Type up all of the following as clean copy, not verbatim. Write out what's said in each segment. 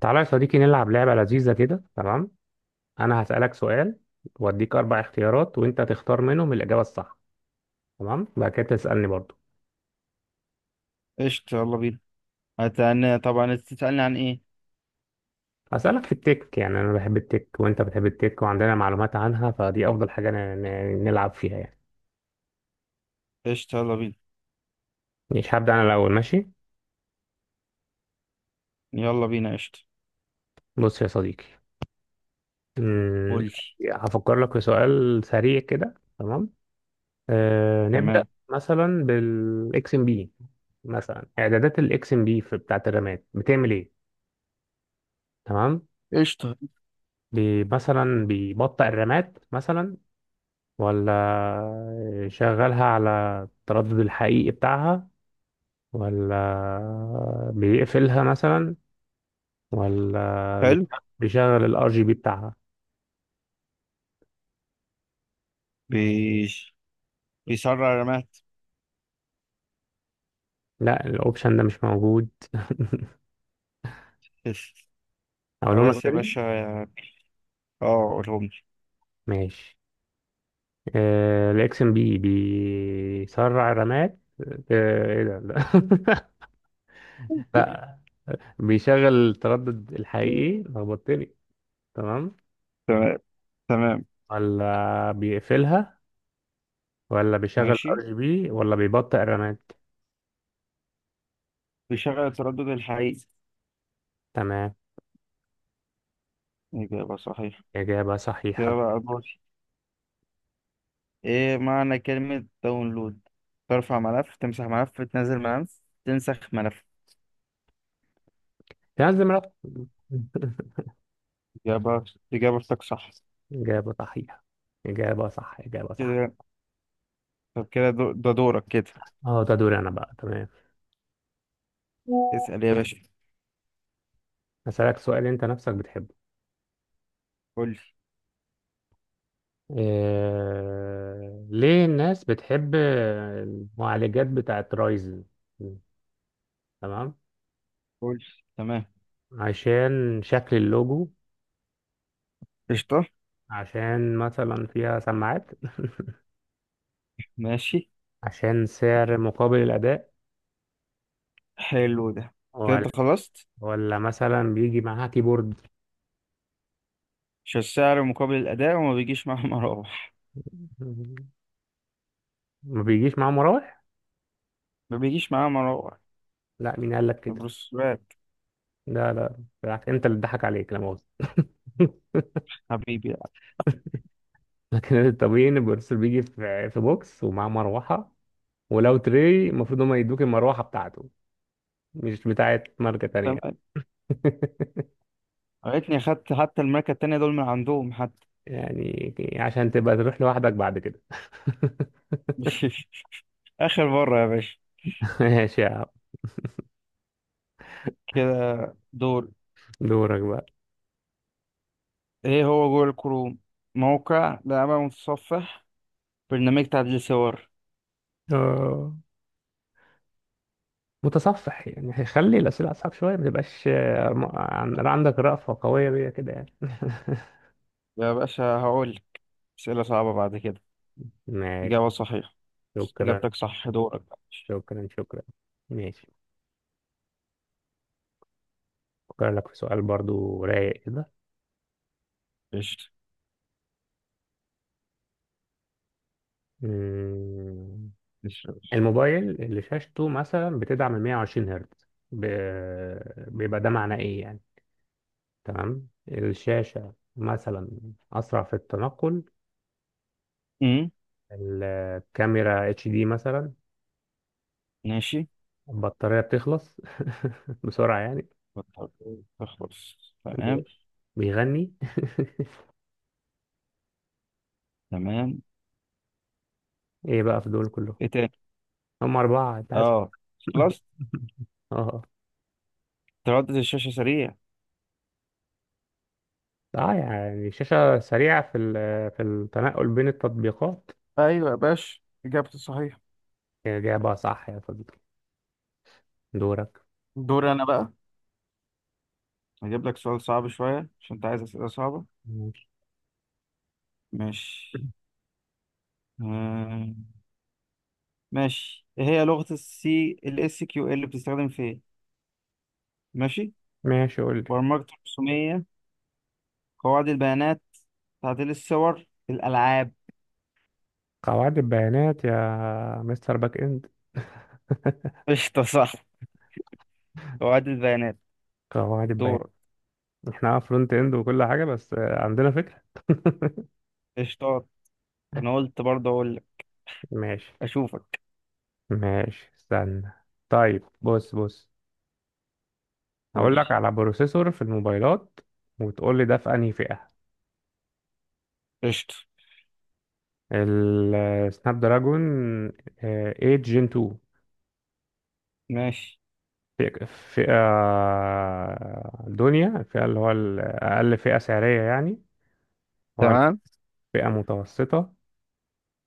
تعالى يا صديقي نلعب لعبة لذيذة كده. تمام، أنا هسألك سؤال وأديك أربع اختيارات وأنت تختار منهم الإجابة الصح. تمام، بعد كده تسألني برضو. قشطة، يلا بينا. هتعني طبعا، انت تسألني عن ايه؟ هسألك في التك، يعني أنا بحب التك وأنت بتحب التك وعندنا معلومات عنها، فدي أفضل حاجة نلعب فيها يعني. قشطة يلا بينا. مش هبدأ أنا الأول؟ ماشي، يلا بينا قشطة. بص يا صديقي. أمم، قولي. هفكر لك في سؤال سريع كده. تمام، أه نبدأ. تمام. مثلا بالإكس إم بي. مثلا إعدادات الإكس إم بي في بتاعة الرامات بتعمل إيه؟ تمام. قشطة. مثلا بيبطئ الرامات مثلا، ولا يشغلها على التردد الحقيقي بتاعها، ولا بيقفلها مثلا، ولا حلو. بيشغل الار جي بي بتاعها. بيش بيسرع رمات. لا، الاوبشن ده مش موجود. بس. اقولهم لك خلاص يا تاني؟ باشا، اه قولهم لي. ماشي. الاكس ام بي بيسرع الرامات. ايه ده، لا. لا، بيشغل التردد الحقيقي، لخبطتني. تمام، تمام. تمام. ولا بيقفلها، ولا بيشغل ار ماشي، جي بي، ولا بيبطئ الرامات. بيشغل التردد الحقيقي. تمام، إجابة صحيحة. إجابة صحيحة. إجابة أدوار. إيه معنى كلمة داونلود؟ ترفع ملف، تمسح ملف، تنزل ملف، تنسخ ملف. في ناس دماغها. إجابة، إجابتك صح. إجابة صحيحة، إجابة صح، إجابة صح. كده طب كده ده دورك كده. اه، ده دوري أنا بقى، تمام. اسأل يا باشا. هسألك سؤال أنت نفسك بتحبه. قول لي. ليه الناس بتحب المعالجات بتاعت رايزن؟ تمام. قول لي. تمام. عشان شكل اللوجو، قشطة. عشان مثلا فيها سماعات، ماشي. عشان سعر مقابل الأداء، حلو ده. كده ولا انت خلصت؟ ولا مثلا بيجي معاها كيبورد؟ مش السعر مقابل الأداء وما بيجيش معاه مراوح؟ ما بيجيش معاه مراوح. ما بيجيش معاه مراوح. لا، مين قال لك كده؟ بروسوات. لا لا، بالعكس، انت اللي اتضحك عليك، لا مؤاخذة. حبيبي. لكن الطبيعي ان البروفيسور بيجي في بوكس ومعاه مروحة. ولو تري، المفروض هما يدوك المروحة بتاعته، مش بتاعت ماركة تانية. تمام. عرفتني أخدت حتى الماركة التانية دول من عندهم حتى. يعني عشان تبقى تروح لوحدك بعد كده. آخر مرة يا باشا. ماشي يا عم، كده. دور. دورك بقى. ايه هو جوجل كروم؟ موقع، لعبة، متصفح، برنامج تعديل صور؟ اه، متصفح، يعني خلي الأسئلة أصعب شوية ما تبقاش، عندك رأفة قوية بيها كده يعني. يا باشا هقول لك أسئلة صعبة بعد كده. ماشي، إجابة صحيحة. شكرا، إجابتك صح، دورك بقى. شكرا، شكرا. ماشي، أفكر لك في سؤال برضو رايق كده. قشطة. أمم، الشغل. الموبايل اللي شاشته مثلا بتدعم ال 120 هرتز، بيبقى ده معناه إيه يعني؟ تمام، الشاشة مثلا أسرع في التنقل، امم. الكاميرا اتش دي مثلا، ماشي. البطارية بتخلص بسرعة يعني، تخلص. تمام. بي- بيغني. تمام. إيه بقى في دول كلهم؟ ايه تاني؟ هم أربعة أنت عايز. اه. خلاص. اه، تردد الشاشة سريع. اه يعني شاشة سريعة في التنقل بين التطبيقات. ايوه يا باشا، اجابتي صحيحه. هي إجابة صح يا صديقي، دورك. دوري انا بقى. هجيب لك سؤال صعب شويه عشان انت عايز اسئله صعبه. ماشي، ماشي. آه، ماشي، ايه هي لغه السي الاس كيو ال؟ اللي بتستخدم في ايه؟ ماشي. ماشي، قول لي. برمجه رسوميه، قواعد البيانات، تعديل الصور، الالعاب؟ قواعد البيانات يا مستر باك إند، قشطة، صح، قواعد البيانات. قواعد البيانات. دورك. احنا اه فرونت إند وكل حاجة، بس عندنا فكرة. قشطات. انا قلت برضه اقول لك. ماشي، اشوفك. ماشي استنى. طيب بص بص، قول هقول لك لي. على بروسيسور في الموبايلات، وتقول لي ده في انهي فئة. قشطه. السناب دراجون 8 جين 2. ماشي. فئة دنيا، الفئة اللي هو الأقل فئة سعرية يعني، ولا تمام. فئة متوسطة،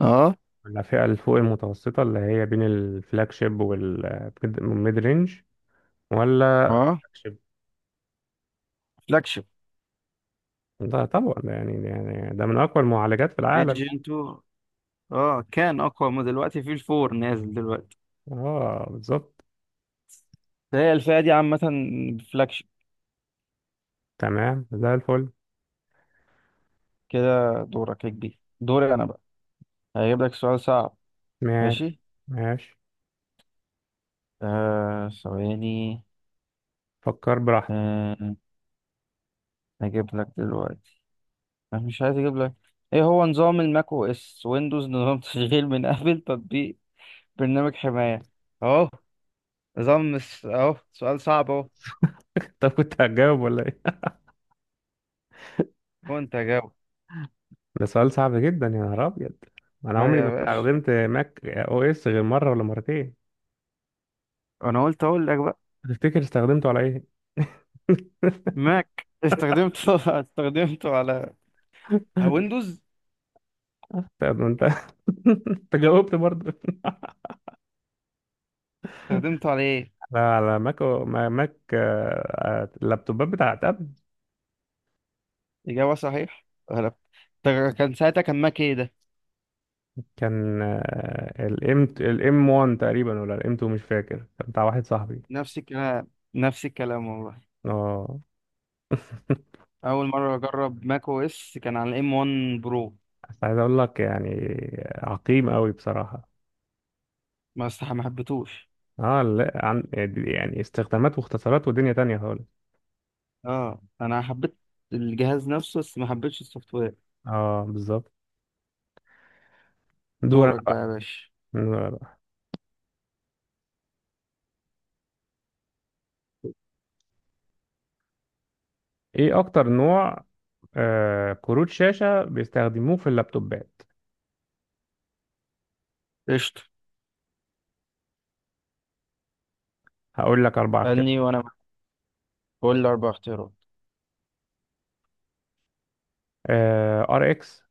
اه. ولا فئة اللي فوق المتوسطة اللي هي بين الفلاج شيب والميد رينج، ولا اه. flagship؟ فلاجشيب. ده طبعا، ده يعني ده من أقوى المعالجات في العالم. ليجن 2. اه، كان اقوى من دلوقتي، في الفور نازل دلوقتي. اه بالظبط، فهي الفئه دي عامه فلاجشيب. تمام، زي الفل. كده. دورك يا كبير. دوري انا بقى. هجيب لك سؤال صعب. ماشي، ماشي. ماشي آه، ثواني. فكر براحتك. آه. هجيب لك دلوقتي. انا مش عايز اجيب لك. ايه هو نظام الماك او اس ويندوز؟ نظام تشغيل من ابل، تطبيق، برنامج حماية؟ اهو، اهو سؤال صعب. طب كنت هتجاوب ولا ايه؟ كنت اجاوب. ده سؤال صعب جدا، يا نهار أبيض. أنا ها عمري ما يا باشا، استخدمت ماك أو إس غير مرة ولا مرتين. انا قلت اقول لك بقى. تفتكر استخدمته على ايه؟ ماك استخدمته استخدمته على ويندوز. انت. انت جاوبت برضه. استخدمته على ايه؟ على ماك ماك، اللابتوبات بتاعت ابل. اجابه صحيح. غلط. طب كان ساعتها كان ماك ايه ده؟ كان الام 1 تقريبا، ولا الام 2، مش فاكر، كان بتاع واحد صاحبي. نفس الكلام. نفس الكلام والله. اه، اول مره اجرب ماك او اس كان على الام 1 برو. بس عايز اقول لك يعني، عقيم قوي بصراحة. ما حبيتهوش. اه لا عن، يعني استخدامات واختصارات ودنيا تانية خالص. اه، انا حبيت الجهاز نفسه بس ما حبيتش السوفت وير. اه بالظبط. دور دورك انا بقى يا باشا. بقى. دور أنا بقى. ايه اكتر نوع كروت شاشة بيستخدموه في اللابتوبات؟ قشطه. هقول لك اربع: قالني وانا بقول لي اربع اختيارات. ار اكس،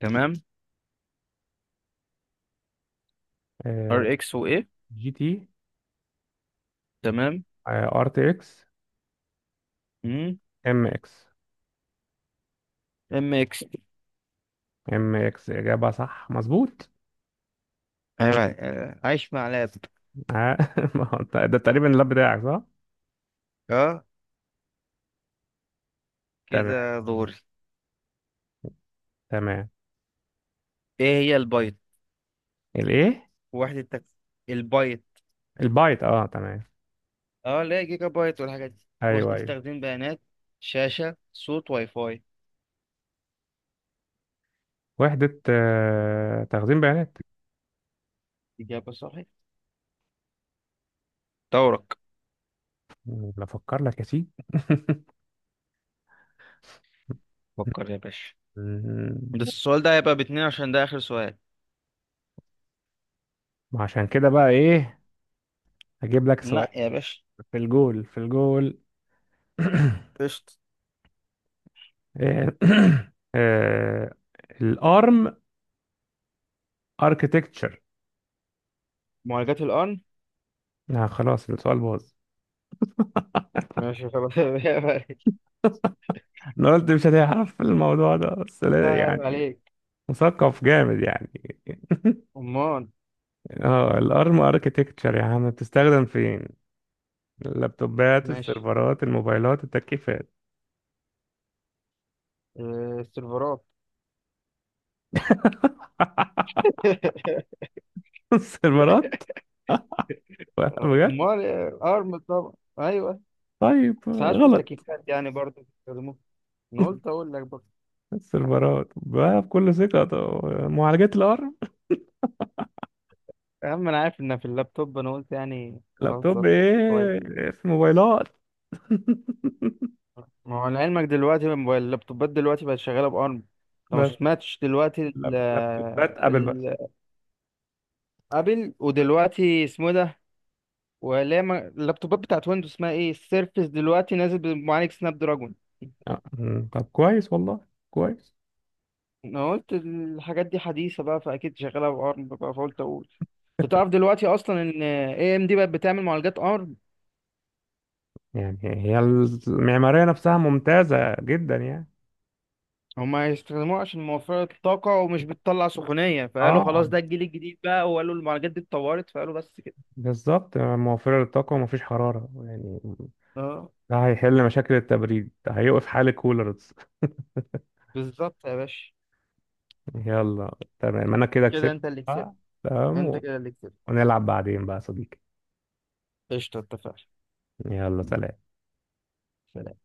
تمام. ار اكس وايه؟ جي تي، تمام. ار تي اكس، ام اكس ام اكس. ام اكس اجابه صح مظبوط. ايوه. عايش مع لاب. آه، ما هو ده تقريبا اللاب بتاعك صح؟ اه. تمام، كده دوري. تمام. ايه هي البايت؟ الايه؟ وحدة تك... البايت البايت؟ اه تمام. اه، لا جيجا بايت والحاجات دي، ايوه، وحدة ايوه، تخزين بيانات؟ شاشة، صوت، واي فاي؟ وحده تخزين بيانات. إجابة صحيح. دورك. بفكر لك يا سيدي. فكر يا باشا. ده مم. السؤال ده هيبقى باتنين عشان ده آخر سؤال. ما عشان كده بقى ايه. هجيب لك سؤال لا يا باشا. في الجول. قشطة. إيه، آه، الارم اركتكتشر. معالجات الآن. آه خلاص، السؤال باظ. ماشي خلاص. عيب عليك. انا قلت مش هتعرف في الموضوع ده، بس لا، عيب يعني عليك. مثقف جامد يعني. أمال. اه، الارم اركتكتشر يا عم بتستخدم فين؟ اللابتوبات، ماشي. السيرفرات، الموبايلات، التكييفات. آه، السيرفرات. السيرفرات، بجد. أمال آه، أرم طبعا. أيوه. طيب، ساعات في غلط. التكييفات يعني برضه بيستخدموه. انا قلت اقول لك برضه. السيرفرات بقى بكل ثقة، طب معالجات الارم. يا عم انا عارف ان في اللابتوب، انا قلت يعني لابتوب اهزر شويه. ايه؟ في موبايلات. ما هو لعلمك دلوقتي اللابتوبات دلوقتي بقت شغاله بارم، انت ما بس سمعتش دلوقتي لابتوبات ابل بس. ال- ابل؟ ودلوقتي اسمه إيه ده؟ ولا ما- اللابتوبات بتاعت ويندوز اسمها ايه السيرفس، دلوقتي نازل بمعالج سناب دراجون. آه، طب كويس والله، كويس. انا قلت الحاجات دي حديثه بقى فاكيد شغاله بارم بقى، فقلت اقول. انت تعرف دلوقتي اصلا ان اي ام دي بقت بتعمل معالجات ARM؟ يعني هي المعمارية نفسها ممتازة جدا يعني. هما يستخدموها عشان موفرة الطاقة ومش بتطلع سخونية، فقالوا اه خلاص ده الجيل الجديد بقى، وقالوا المعالجات دي اتطورت، فقالوا بس كده. بالظبط، موفرة للطاقة ومفيش حرارة يعني. اه ده هيحل مشاكل التبريد، ده هيوقف حال الكولرز. بالظبط يا باشا. يلا تمام، انا كده كده كسبت. انت اللي كسبت. آه، انت تمام، كده اللي كسبت. ونلعب بعدين بقى يا صديقي، قشطة، اتفقنا. يلا سلام. سلام.